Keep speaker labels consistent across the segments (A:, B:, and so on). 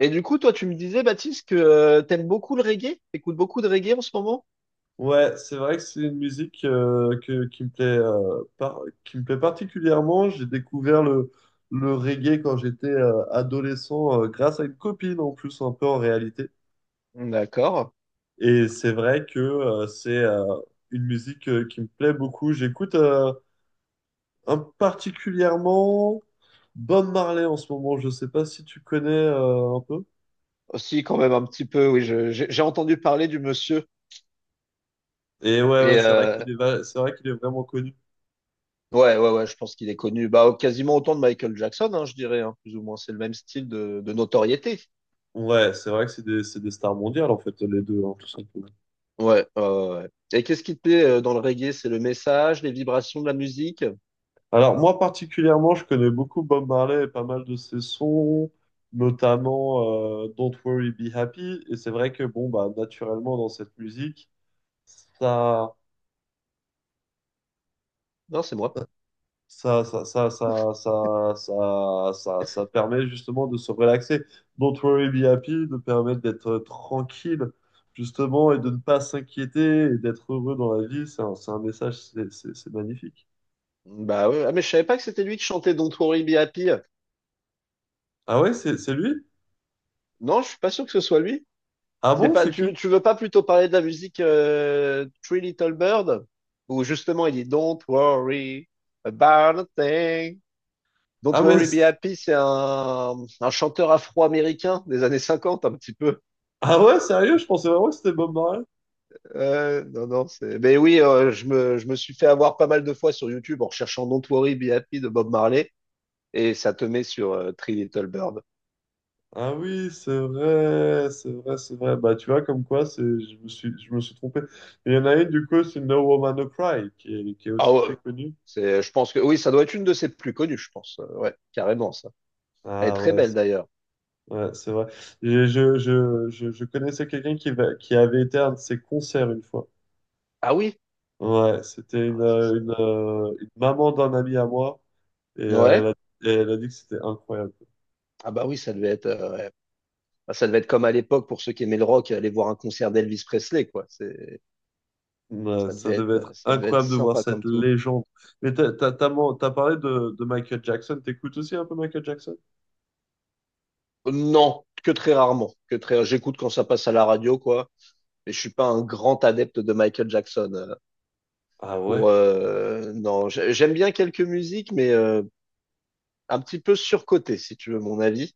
A: Et du coup, toi, tu me disais, Baptiste, que t'aimes beaucoup le reggae? T'écoutes beaucoup de reggae en ce moment?
B: Ouais, c'est vrai que c'est une musique qui me plaît, qui me plaît particulièrement. J'ai découvert le reggae quand j'étais adolescent grâce à une copine en plus un peu en réalité.
A: D'accord.
B: Et c'est vrai que c'est une musique qui me plaît beaucoup. J'écoute un particulièrement Bob Marley en ce moment. Je sais pas si tu connais un peu.
A: Aussi, quand même, un petit peu, oui, j'ai entendu parler du monsieur.
B: Et ouais, ouais,
A: Et
B: c'est vrai c'est vrai qu'il est vraiment connu.
A: ouais, ouais, ouais, je pense qu'il est connu. Bah, quasiment autant de Michael Jackson, hein, je dirais, hein, plus ou moins. C'est le même style de notoriété.
B: Ouais, c'est vrai que c'est des stars mondiales en fait les deux, hein, tout simplement.
A: Ouais, ouais, ouais. Ouais. Et qu'est-ce qui te plaît dans le reggae? C'est le message, les vibrations de la musique?
B: Alors, moi particulièrement, je connais beaucoup Bob Marley et pas mal de ses sons, notamment Don't Worry, Be Happy. Et c'est vrai que, bon, bah, naturellement, dans cette musique, ça,
A: Non, c'est moi.
B: ça permet justement de se relaxer. Don't Worry, Be Happy nous permet d'être tranquille, justement, et de ne pas s'inquiéter et d'être heureux dans la vie. C'est un message, c'est magnifique.
A: Bah ouais, ah, mais je savais pas que c'était lui qui chantait Don't Worry Be Happy.
B: Ah ouais, c'est lui?
A: Non, je suis pas sûr que ce soit lui.
B: Ah
A: C'est
B: bon,
A: pas,
B: c'est qui?
A: tu veux pas plutôt parler de la musique Three Little Bird, où justement il dit Don't worry about a thing. Don't
B: Ah, mais
A: worry be happy, c'est un chanteur afro-américain des années 50 un petit peu.
B: ah ouais, sérieux? Je pensais vraiment que c'était Bob Marley.
A: Non, non, c'est. Mais oui, je me suis fait avoir pas mal de fois sur YouTube en recherchant Don't worry be happy de Bob Marley, et ça te met sur Three Little Bird.
B: Ah oui, c'est vrai, c'est vrai, c'est vrai. Bah tu vois, comme quoi, je me suis trompé. Il y en a une, du coup, c'est No Woman No Cry, qui est
A: Ah
B: aussi très
A: ouais,
B: connue.
A: c'est, je pense que oui, ça doit être une de ses plus connues, je pense. Ouais, carrément ça. Elle est
B: Ah
A: très belle d'ailleurs.
B: ouais, c'est vrai. Je connaissais quelqu'un qui avait été à un de ses concerts une fois.
A: Ah oui.
B: Ouais, c'était
A: Ah ouais, ça, ça-
B: une maman d'un ami à moi, et
A: Ouais.
B: et elle a dit que c'était incroyable.
A: Ah bah oui, ça devait être, ouais. Bah, ça devait être comme à l'époque pour ceux qui aimaient le rock, aller voir un concert d'Elvis Presley, quoi. C'est,
B: Ouais, ça devait être
A: ça devait être
B: incroyable de voir
A: sympa
B: cette
A: comme tout.
B: légende. Mais t'as parlé de Michael Jackson. T'écoutes aussi un peu Michael Jackson?
A: Non, que très rarement. Que très, j'écoute quand ça passe à la radio, quoi. Mais je suis pas un grand adepte de Michael Jackson. euh,
B: Ah ouais?
A: Pour, euh, non, j'aime bien quelques musiques, mais un petit peu surcoté, si tu veux mon avis.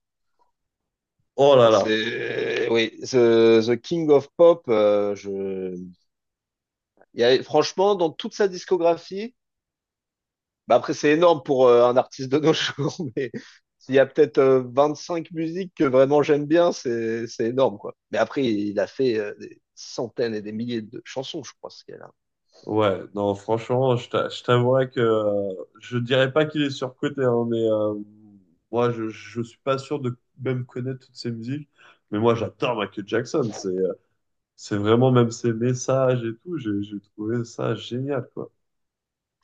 B: Oh là là.
A: C'est, oui, The King of Pop. Il y a, franchement, dans toute sa discographie. Bah après, c'est énorme pour un artiste de nos jours, mais s'il y a peut-être cinq musiques que vraiment j'aime bien, c'est énorme, quoi. Mais après, il a fait des centaines et des milliers de chansons, je crois, ce qu'il a.
B: Ouais, non, franchement, je t'avouerais que je dirais pas qu'il est surcoté, hein, mais moi, je suis pas sûr de même connaître toutes ses musiques. Mais moi, j'adore Michael Jackson. C'est vraiment même ses messages et tout. J'ai trouvé ça génial, quoi.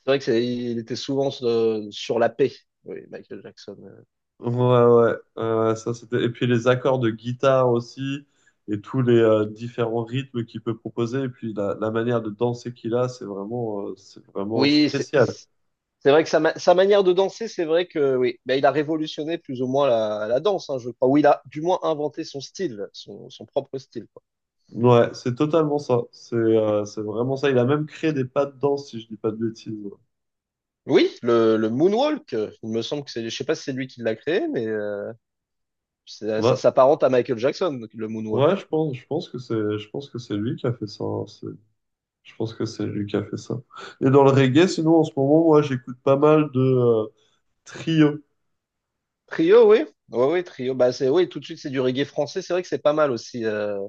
A: C'est vrai que il était souvent sur la paix, oui, Michael Jackson.
B: Ouais, ouais, ouais, ça c'était. Et puis les accords de guitare aussi, et tous les différents rythmes qu'il peut proposer, et puis la manière de danser qu'il a, c'est vraiment
A: Oui, c'est
B: spécial.
A: c'est vrai que sa manière de danser, c'est vrai que oui, bah, il a révolutionné plus ou moins la danse, hein, je crois. Ou il a du moins inventé son style, son propre style, quoi.
B: Ouais, c'est totalement ça. C'est vraiment ça. Il a même créé des pas de danse, si je dis pas de bêtises.
A: Oui, le moonwalk, il me semble que c'est, je sais pas si c'est lui qui l'a créé, mais ça
B: Ouais,
A: s'apparente à Michael Jackson, le
B: ouais,
A: moonwalk.
B: ouais, je pense que c'est lui qui a fait ça, hein. Je pense que c'est lui qui a fait ça. Et dans le reggae, sinon en ce moment, moi, j'écoute pas mal de Trio.
A: Trio, oui. Oui, oui, trio. Bah, c'est, oui, tout de suite, c'est du reggae français. C'est vrai que c'est pas mal aussi. euh,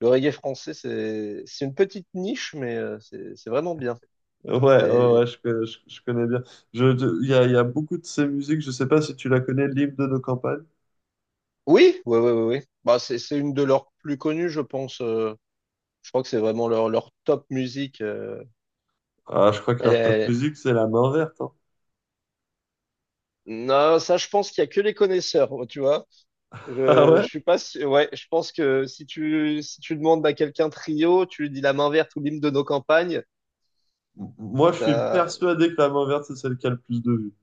A: le reggae français, c'est une petite niche, mais c'est vraiment bien.
B: Ouais, ouais,
A: C'est-
B: ouais, je connais bien. Il y a beaucoup de ces musiques, je sais pas si tu la connais, l'hymne de nos campagnes.
A: Oui, oui, oui, oui. Oui. Bah, c'est une de leurs plus connues, je pense. Je crois que c'est vraiment leur top musique.
B: Ah, je crois que
A: Elle
B: leur top
A: est-
B: musique, c'est la main verte, hein.
A: Non, ça, je pense qu'il y a que les connaisseurs, tu vois.
B: Ah
A: Je
B: ouais?
A: suis pas sûr- Ouais, je pense que si tu, demandes à quelqu'un trio, tu lui dis la main verte ou l'hymne de nos campagnes.
B: Moi, je suis
A: T'as-
B: persuadé que la main verte, c'est celle qui a le plus de vues.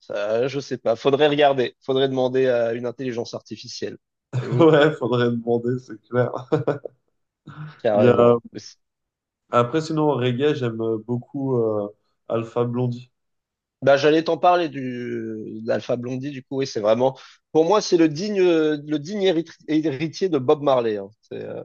A: Ça, je sais pas. Faudrait regarder. Faudrait demander à une intelligence artificielle. Et vous,
B: Ouais, faudrait demander, c'est clair. Il y a...
A: carrément. Mais c'est-
B: Après, sinon, en reggae, j'aime beaucoup Alpha Blondie.
A: Bah, j'allais t'en parler d'Alpha Blondie, du coup, oui, c'est vraiment, pour moi, c'est le digne, héritier de Bob Marley. Hein. C'est, euh,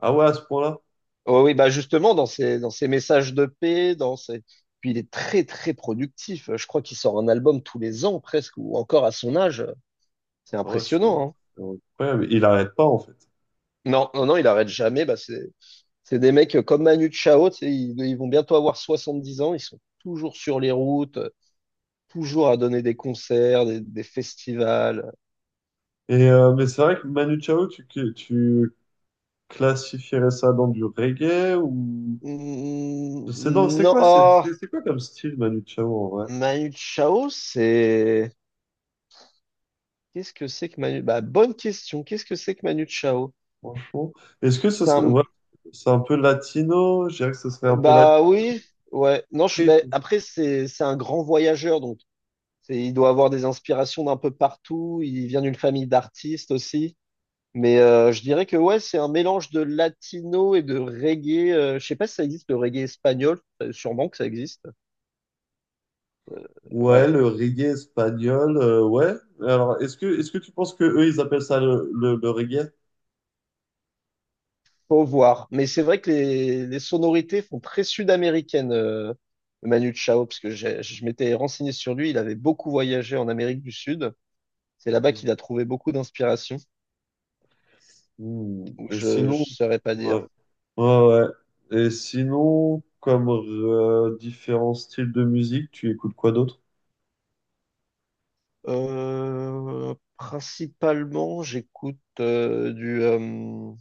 B: Ah ouais, à ce point-là?
A: oh oui, bah, justement, dans ses messages de paix, puis il est très, très productif. Je crois qu'il sort un album tous les ans, presque, ou encore à son âge. C'est
B: Ouais, c'est
A: impressionnant, hein.
B: c'est incroyable. Il arrête pas, en fait.
A: Non, non, non, il arrête jamais. Bah, c'est des mecs comme Manu Chao, tu sais, ils vont bientôt avoir 70 ans, ils sont toujours sur les routes, toujours à donner des concerts, des festivals.
B: Et, mais c'est vrai que Manu Chao, tu classifierais ça dans du reggae ou...
A: Mm,
B: C'est non,
A: non, ah,
B: c'est quoi comme style Manu Chao en vrai,
A: Manu Chao, c'est... Qu'est-ce que c'est que Manu... Bah, bonne question, qu'est-ce que c'est que Manu Chao?
B: franchement? Est-ce que ce
A: C'est
B: serait,
A: un-
B: ouais, c'est un peu latino? Je dirais que ce serait un peu latino.
A: Bah oui, ouais. Non, je... mais après, c'est un grand voyageur, donc il doit avoir des inspirations d'un peu partout, il vient d'une famille d'artistes aussi. Mais je dirais que ouais, c'est un mélange de latino et de reggae. Je sais pas si ça existe, le reggae espagnol. Sûrement que ça existe. Euh,
B: Ouais,
A: ouais,
B: le reggae espagnol, ouais. Alors, est-ce que tu penses que eux, ils appellent ça le reggae?
A: faut voir. Mais c'est vrai que les sonorités font très sud-américaines, Manu Chao, parce que je m'étais renseigné sur lui. Il avait beaucoup voyagé en Amérique du Sud. C'est là-bas qu'il a trouvé beaucoup d'inspiration.
B: Hmm.
A: Donc
B: Et
A: je
B: sinon,
A: saurais pas dire.
B: ouais, ouais, ouais. Et sinon, comme différents styles de musique, tu écoutes quoi d'autre?
A: Principalement, j'écoute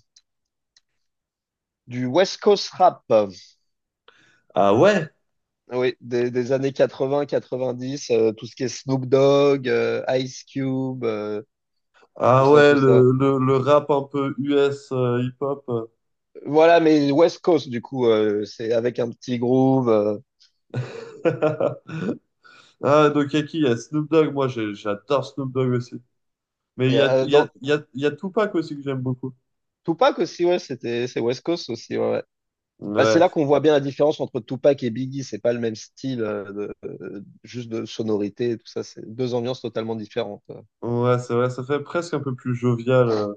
A: du West Coast rap.
B: Ah ouais,
A: Oui, des années 80, 90, tout ce qui est Snoop Dogg, Ice Cube, tout
B: ah
A: ça,
B: ouais,
A: tout ça.
B: le rap un peu US hip-hop.
A: Voilà, mais West Coast, du coup, c'est avec un petit groove.
B: Ah, donc, il y a qui? Il y a Snoop Dogg. J'adore Snoop Dogg aussi. Mais
A: Il
B: il
A: y
B: y
A: a,
B: a, il y a,
A: dans...
B: il y a, il y a Tupac aussi que j'aime beaucoup.
A: Tupac aussi, ouais, c'était, c'est West Coast aussi, ouais. Ouais. Bah, c'est
B: Ouais,
A: là qu'on voit bien la différence entre Tupac et Biggie. C'est pas le même style, juste de sonorité et tout ça. C'est deux ambiances totalement différentes.
B: ouais, c'est vrai, ça fait presque un peu plus jovial.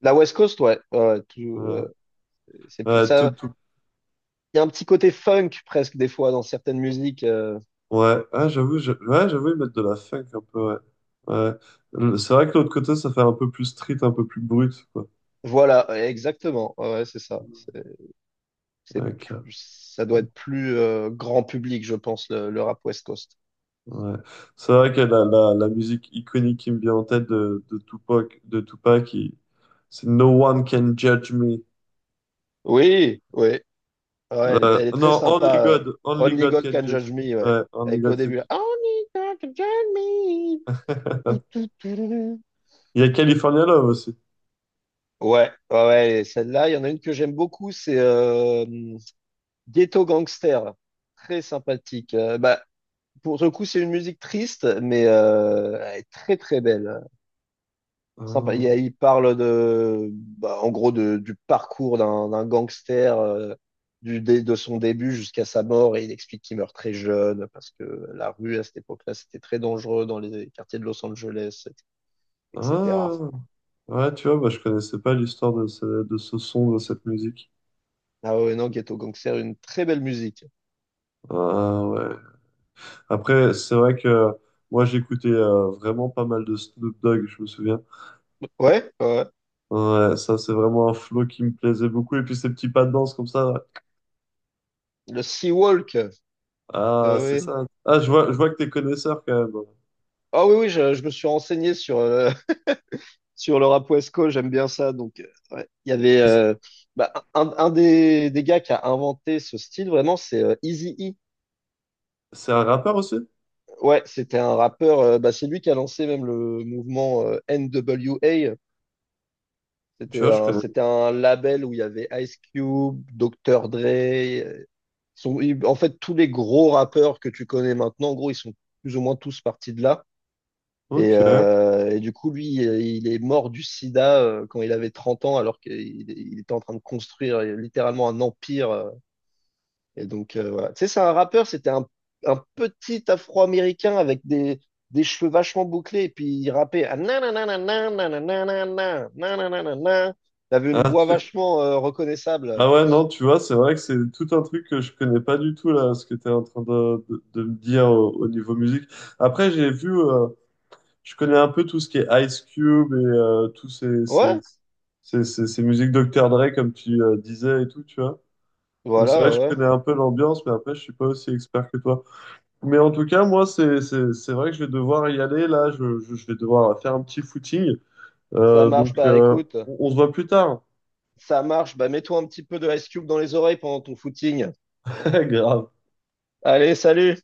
A: La West Coast, ouais, ouais, ouais, tout,
B: Ouais,
A: ouais, c'est plus
B: ouais, tout,
A: ça.
B: tout.
A: Il y a un petit côté funk presque des fois dans certaines musiques.
B: Ouais, ah, j'avoue, ouais, j'avoue, ils mettent de la funk un peu, ouais. Ouais. C'est vrai que l'autre côté, ça fait un peu plus street, un peu plus brut, quoi.
A: Voilà, exactement. Ouais, ouais, c'est ça. C'est
B: Ok,
A: ça doit être plus grand public, je pense, le rap West Coast.
B: ouais. C'est vrai que la musique iconique qui me vient en tête de Tupac, c'est No One Can Judge Me.
A: Oui, oui. Ouais, elle est, elle est très
B: Non, Only
A: sympa.
B: God. Only
A: Only
B: God
A: God
B: can
A: Can
B: judge
A: Judge
B: it.
A: Me, ouais.
B: Ouais, Only
A: Avec le
B: God can
A: début, là,
B: judge
A: Only God Can Judge Me.
B: it.
A: Tout, tout, tout, tout, tout.
B: Il y a California Love aussi.
A: Ouais, ouais, ouais, et celle-là, il y en a une que j'aime beaucoup, c'est Ghetto Gangster. Très sympathique. Bah, pour le coup, c'est une musique triste, mais elle est très très belle. Sympa.
B: Ah,
A: Il parle de, bah, en gros de- du parcours d'un gangster, de son début jusqu'à sa mort, et il explique qu'il meurt très jeune parce que la rue à cette époque-là, c'était très dangereux dans les quartiers de Los Angeles, etc.
B: ah, ouais, tu vois, bah, je connaissais pas l'histoire de ce son, de cette musique.
A: Ah ouais, non, Ghetto Gangster, une très belle musique.
B: Ah, ouais. Après, c'est vrai que moi, j'écoutais vraiment pas mal de Snoop Dogg, je me souviens.
A: Ouais, ouais.
B: Ouais, ça, c'est vraiment un flow qui me plaisait beaucoup. Et puis, ces petits pas de danse comme ça, là.
A: Le Sea Walk. Ah
B: Ah, c'est
A: oui,
B: ça. Ah, je vois que t'es connaisseur quand même.
A: ah oui, oui, je me suis renseigné sur, sur le rap West Coast, j'aime bien ça. Donc, ouais, il y avait
B: Et C'est
A: bah, un des gars qui a inventé ce style, vraiment, c'est Eazy E.
B: c'est un rappeur aussi?
A: Ouais, c'était un rappeur, bah, c'est lui qui a lancé même le mouvement NWA.
B: Tu
A: C'était
B: vois, je
A: un,
B: connais.
A: c'était un label où il y avait Ice Cube, Dr. Dre. En fait, tous les gros rappeurs que tu connais maintenant, en gros, ils sont plus ou moins tous partis de là. Et,
B: Ok.
A: euh, et du coup, lui, il est mort du sida quand il avait 30 ans, alors qu'il il était en train de construire littéralement un empire. Et donc, voilà. Tu sais, c'est un rappeur, c'était un, petit Afro-Américain avec des cheveux vachement bouclés, et puis il rappait. Ah, nananana, nananana, nananana. Il avait une
B: ah
A: voix
B: tu,
A: vachement reconnaissable.
B: ah ouais, non, tu vois, c'est vrai que c'est tout un truc que je connais pas du tout, là, ce que tu es en train de me dire au niveau musique. Après, j'ai vu, je connais un peu tout ce qui est Ice Cube et tous
A: Ouais,
B: ces musiques Dr. Dre, comme tu disais et tout, tu vois. Donc c'est
A: voilà,
B: vrai que
A: ouais.
B: je
A: Ouais.
B: connais un peu l'ambiance, mais après, je suis pas aussi expert que toi. Mais en tout cas, moi, c'est vrai que je vais devoir y aller, là, je vais devoir faire un petit footing.
A: Ça marche,
B: Donc,
A: bah écoute,
B: on se voit plus tard.
A: ça marche, bah mets-toi un petit peu de Ice Cube dans les oreilles pendant ton footing.
B: Grave.
A: Allez, salut!